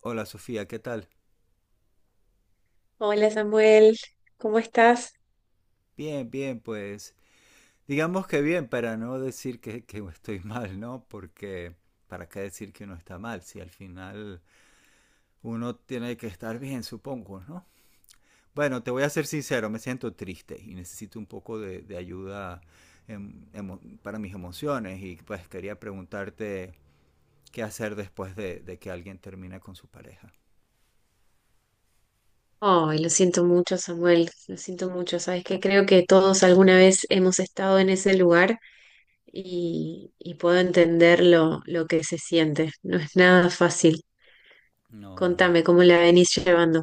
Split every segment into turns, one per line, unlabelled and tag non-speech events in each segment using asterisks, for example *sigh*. Hola Sofía, ¿qué tal?
Hola Samuel, ¿cómo estás?
Bien, bien, pues digamos que bien para no decir que estoy *laughs* mal, ¿no? Porque ¿para qué decir que uno está mal si al final uno tiene que estar bien, supongo, ¿no? Bueno, te voy a ser sincero, me siento triste y necesito un poco de ayuda para mis emociones y pues quería preguntarte qué hacer después de que alguien termina con su pareja.
Ay, lo siento mucho, Samuel, lo siento mucho. Sabes que creo que todos alguna vez hemos estado en ese lugar y puedo entender lo que se siente. No es nada fácil.
No, no.
Contame cómo la venís llevando.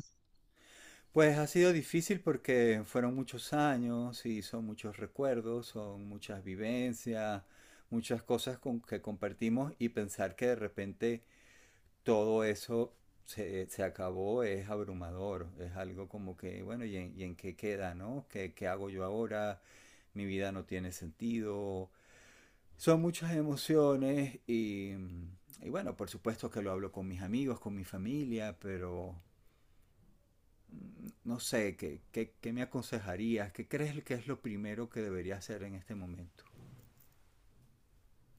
Pues ha sido difícil porque fueron muchos años y son muchos recuerdos, son muchas vivencias, muchas cosas con que compartimos y pensar que de repente todo eso se acabó es abrumador, es algo como que, bueno, ¿y en qué queda, no? ¿Qué hago yo ahora? Mi vida no tiene sentido. Son muchas emociones y bueno, por supuesto que lo hablo con mis amigos, con mi familia, pero no sé, ¿qué me aconsejarías? ¿Qué crees que es lo primero que debería hacer en este momento?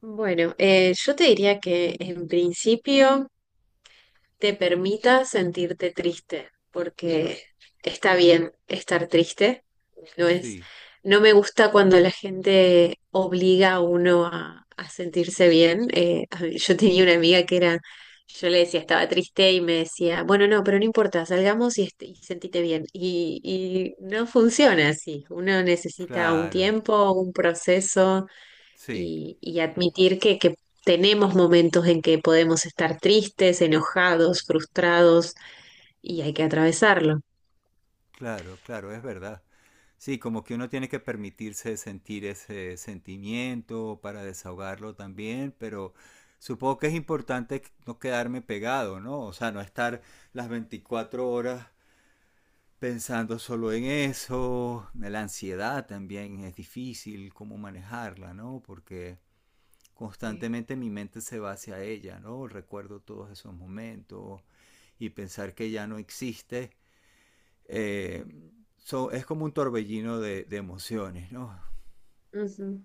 Bueno, yo te diría que en principio te permita sentirte triste, porque está bien estar triste, no es,
Sí,
no me gusta cuando la gente obliga a uno a sentirse bien. Yo tenía una amiga que era, yo le decía, estaba triste y me decía, bueno, no, pero no importa, salgamos y sentite bien. Y no funciona así, uno necesita un
claro,
tiempo, un proceso
sí,
y admitir que tenemos momentos en que podemos estar tristes, enojados, frustrados y hay que atravesarlo.
claro, claro, es verdad. Sí, como que uno tiene que permitirse sentir ese sentimiento para desahogarlo también, pero supongo que es importante no quedarme pegado, ¿no? O sea, no estar las 24 horas pensando solo en eso. La ansiedad también es difícil cómo manejarla, ¿no? Porque
Sí.
constantemente mi mente se va hacia ella, ¿no? Recuerdo todos esos momentos y pensar que ya no existe. eh, es como un torbellino de emociones, ¿no?
Ujú.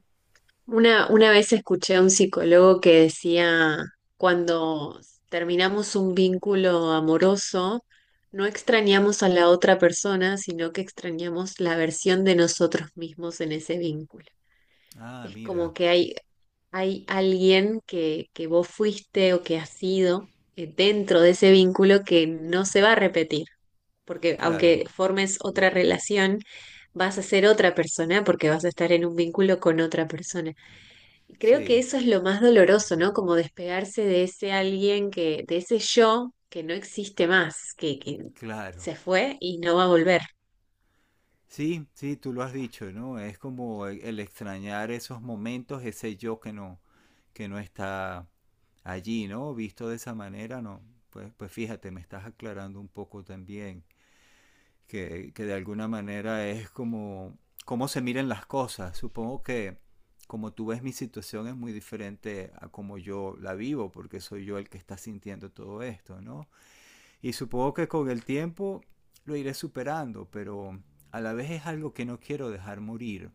Una vez escuché a un psicólogo que decía, cuando terminamos un vínculo amoroso, no extrañamos a la otra persona, sino que extrañamos la versión de nosotros mismos en ese vínculo.
Ah,
Es
mira,
como que hay ¿Hay alguien que vos fuiste o que has sido dentro de ese vínculo que no se va a repetir? Porque
claro,
aunque formes otra relación, vas a ser otra persona porque vas a estar en un vínculo con otra persona. Y creo que
sí,
eso es lo más doloroso, ¿no? Como despegarse de ese alguien que, de ese yo que no existe más, que
claro.
se fue y no va a volver.
Sí, sí, tú lo has dicho, ¿no? Es como el extrañar esos momentos, ese yo que no está allí, ¿no? Visto de esa manera, ¿no? Pues fíjate, me estás aclarando un poco también. Que de alguna manera es como cómo se miran las cosas. Supongo que como tú ves mi situación es muy diferente a como yo la vivo, porque soy yo el que está sintiendo todo esto, ¿no? Y supongo que con el tiempo lo iré superando, pero a la vez es algo que no quiero dejar morir.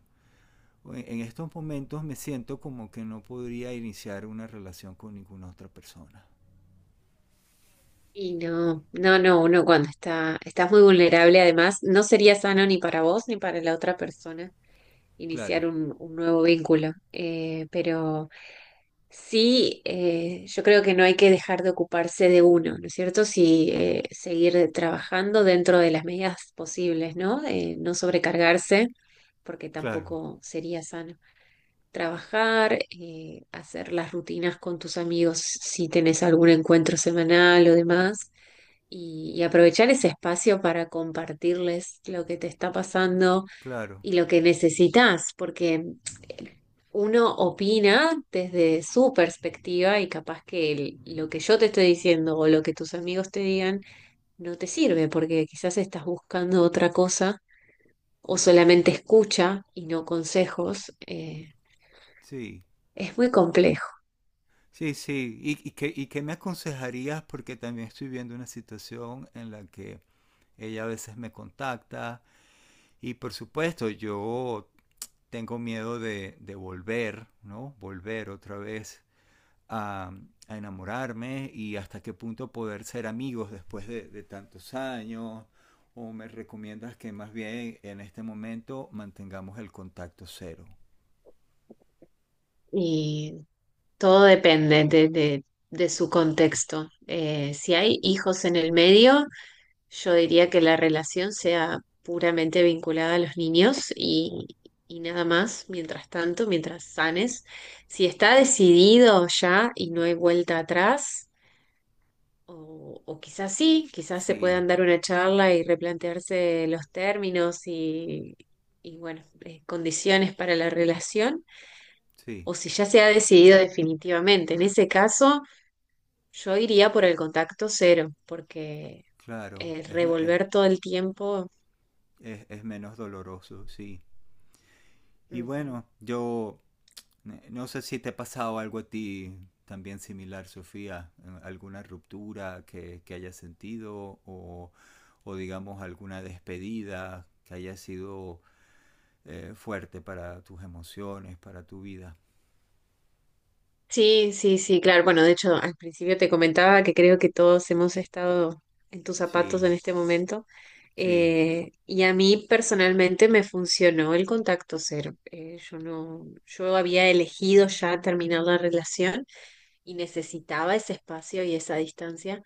En estos momentos me siento como que no podría iniciar una relación con ninguna otra persona.
Y no, no, no, uno cuando está, estás muy vulnerable, además, no sería sano ni para vos ni para la otra persona.
Claro,
Iniciar un nuevo vínculo. Pero sí, yo creo que no hay que dejar de ocuparse de uno, ¿no es cierto? Sí, seguir trabajando dentro de las medidas posibles, ¿no? No sobrecargarse, porque
claro,
tampoco sería sano. Trabajar, hacer las rutinas con tus amigos si tenés algún encuentro semanal o demás. Y aprovechar ese espacio para compartirles lo que te está pasando
claro,
y lo que necesitas, porque uno opina desde su perspectiva y capaz que lo que yo te estoy diciendo o lo que tus amigos te digan no te sirve porque quizás estás buscando otra cosa o solamente escucha y no consejos.
sí.
Es muy complejo
Sí, sí. ¿Y qué me aconsejarías? Porque también estoy viendo una situación en la que ella a veces me contacta y por supuesto yo tengo miedo de volver, ¿no? Volver otra vez a, a enamorarme y hasta qué punto poder ser amigos después de tantos años. ¿O me recomiendas que más bien en este momento mantengamos el contacto cero?
y todo depende de su contexto. Si hay hijos en el medio, yo diría que la relación sea puramente vinculada a los niños y nada más, mientras tanto, mientras sanes. Si está decidido ya y no hay vuelta atrás, o quizás sí, quizás se
Sí,
puedan dar una charla y replantearse los términos y bueno, condiciones para la relación,
sí,
o si ya se ha decidido definitivamente. En ese caso, yo iría por el contacto cero, porque
claro. Es, ma-
revolver todo el tiempo.
Es menos doloroso, sí. Y
Ujú.
bueno, yo no sé si te ha pasado algo a ti también similar, Sofía, alguna ruptura que hayas sentido o, digamos alguna despedida que haya sido fuerte para tus emociones, para tu vida.
Sí, sí, sí, claro. Bueno, de hecho, al principio te comentaba que creo que todos hemos estado en tus zapatos
Sí,
en este momento.
sí,
Y a mí personalmente me funcionó el contacto cero. Yo no, yo había elegido ya terminar la relación y necesitaba ese espacio y esa distancia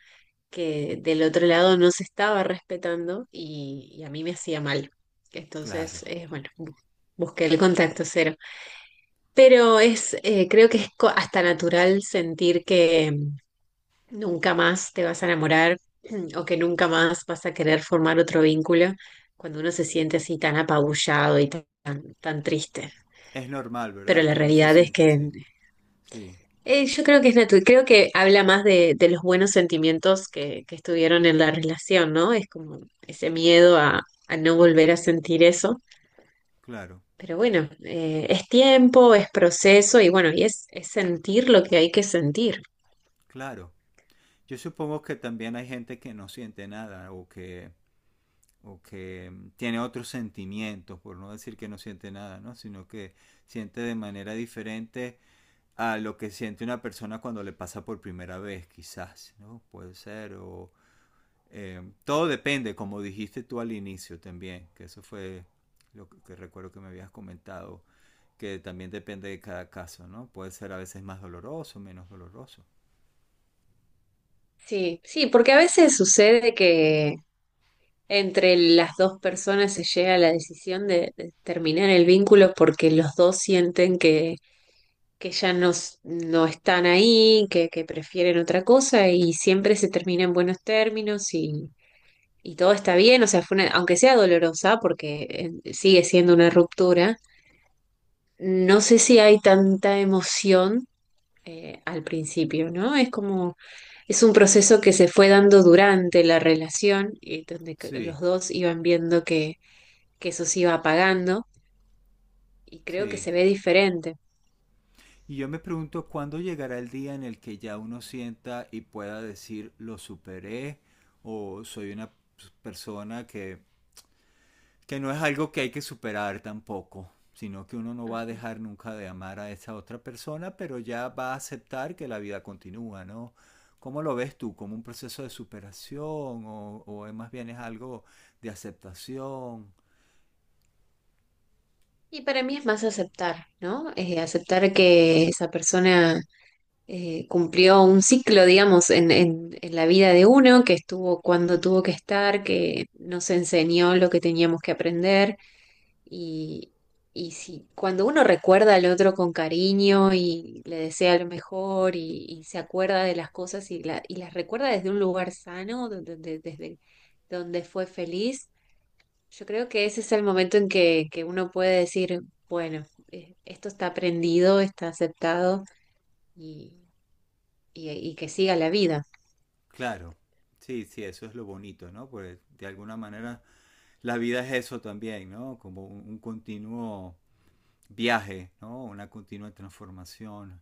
que del otro lado no se estaba respetando y a mí me hacía mal. Entonces,
claro.
bueno, busqué el contacto cero. Pero es, creo que es hasta natural sentir que nunca más te vas a enamorar *clears throat* o que nunca más vas a querer formar otro vínculo cuando uno se siente así tan apabullado y tan, tan triste.
Es normal,
Pero
¿verdad?
la
Que uno se
realidad es
sienta
que
así. Sí,
yo creo que es natural, creo que habla más de los buenos sentimientos que estuvieron en la relación, ¿no? Es como ese miedo a no volver a sentir eso.
claro,
Pero bueno, es tiempo, es proceso y bueno, y es sentir lo que hay que sentir.
claro. Yo supongo que también hay gente que no siente nada o que tiene otros sentimientos, por no decir que no siente nada, ¿no? Sino que siente de manera diferente a lo que siente una persona cuando le pasa por primera vez, quizás, ¿no? Puede ser, o todo depende, como dijiste tú al inicio también, que eso fue que recuerdo que me habías comentado, que también depende de cada caso, ¿no? Puede ser a veces más doloroso, menos doloroso.
Sí, sí, porque a veces sucede que entre las dos personas se llega a la decisión de terminar el vínculo porque los dos sienten que ya no, no están ahí, que prefieren otra cosa y siempre se termina en buenos términos y todo está bien, o sea, aunque sea dolorosa porque sigue siendo una ruptura, no sé si hay tanta emoción al principio, ¿no? Es como, es un proceso que se fue dando durante la relación y donde que
Sí,
los dos iban viendo que eso se iba apagando y creo que
sí.
se ve diferente.
Y yo me pregunto cuándo llegará el día en el que ya uno sienta y pueda decir lo superé o soy una persona que no es algo que hay que superar tampoco, sino que uno no va a
Ujú.
dejar nunca de amar a esa otra persona, pero ya va a aceptar que la vida continúa, ¿no? ¿Cómo lo ves tú? ¿Como un proceso de superación o más bien es algo de aceptación?
Y para mí es más aceptar, ¿no? Aceptar que esa persona cumplió un ciclo, digamos, en la vida de uno, que estuvo cuando tuvo que estar, que nos enseñó lo que teníamos que aprender. Y, y si cuando uno recuerda al otro con cariño y le desea lo mejor y se acuerda de las cosas y las recuerda desde un lugar sano, desde donde fue feliz, yo creo que ese es el momento en que uno puede decir, bueno, esto está aprendido, está aceptado y, y que siga la vida.
Claro, sí, sí, eso es lo bonito, ¿no? Porque de alguna manera la vida es eso también, ¿no? Como un continuo viaje, ¿no? Una continua transformación.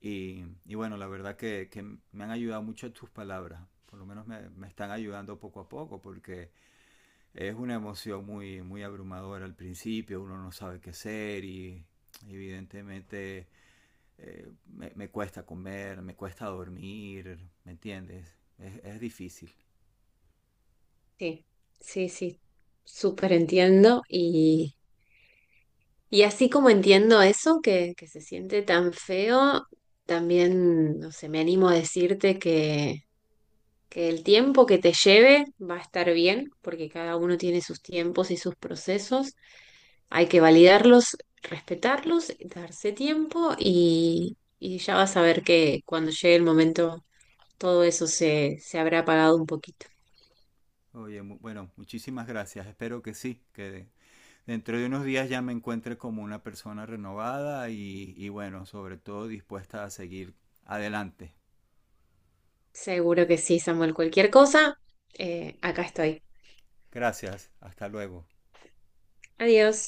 Y bueno, la verdad que me han ayudado mucho tus palabras, por lo menos me están ayudando poco a poco, porque es una emoción muy, muy abrumadora al principio, uno no sabe qué hacer y evidentemente me cuesta comer, me cuesta dormir, ¿me entiendes? Es difícil.
Sí, sí, sí, súper entiendo. Y así como entiendo eso, que se siente tan feo, también, no sé, me animo a decirte que el tiempo que te lleve va a estar bien, porque cada uno tiene sus tiempos y sus procesos. Hay que validarlos, respetarlos, darse tiempo y ya vas a ver que cuando llegue el momento todo eso se, se habrá apagado un poquito.
Oye, bueno, muchísimas gracias. Espero que sí, dentro de unos días ya me encuentre como una persona renovada y bueno, sobre todo dispuesta a seguir adelante.
Seguro que sí, Samuel. Cualquier cosa, acá estoy.
Gracias, hasta luego.
Adiós.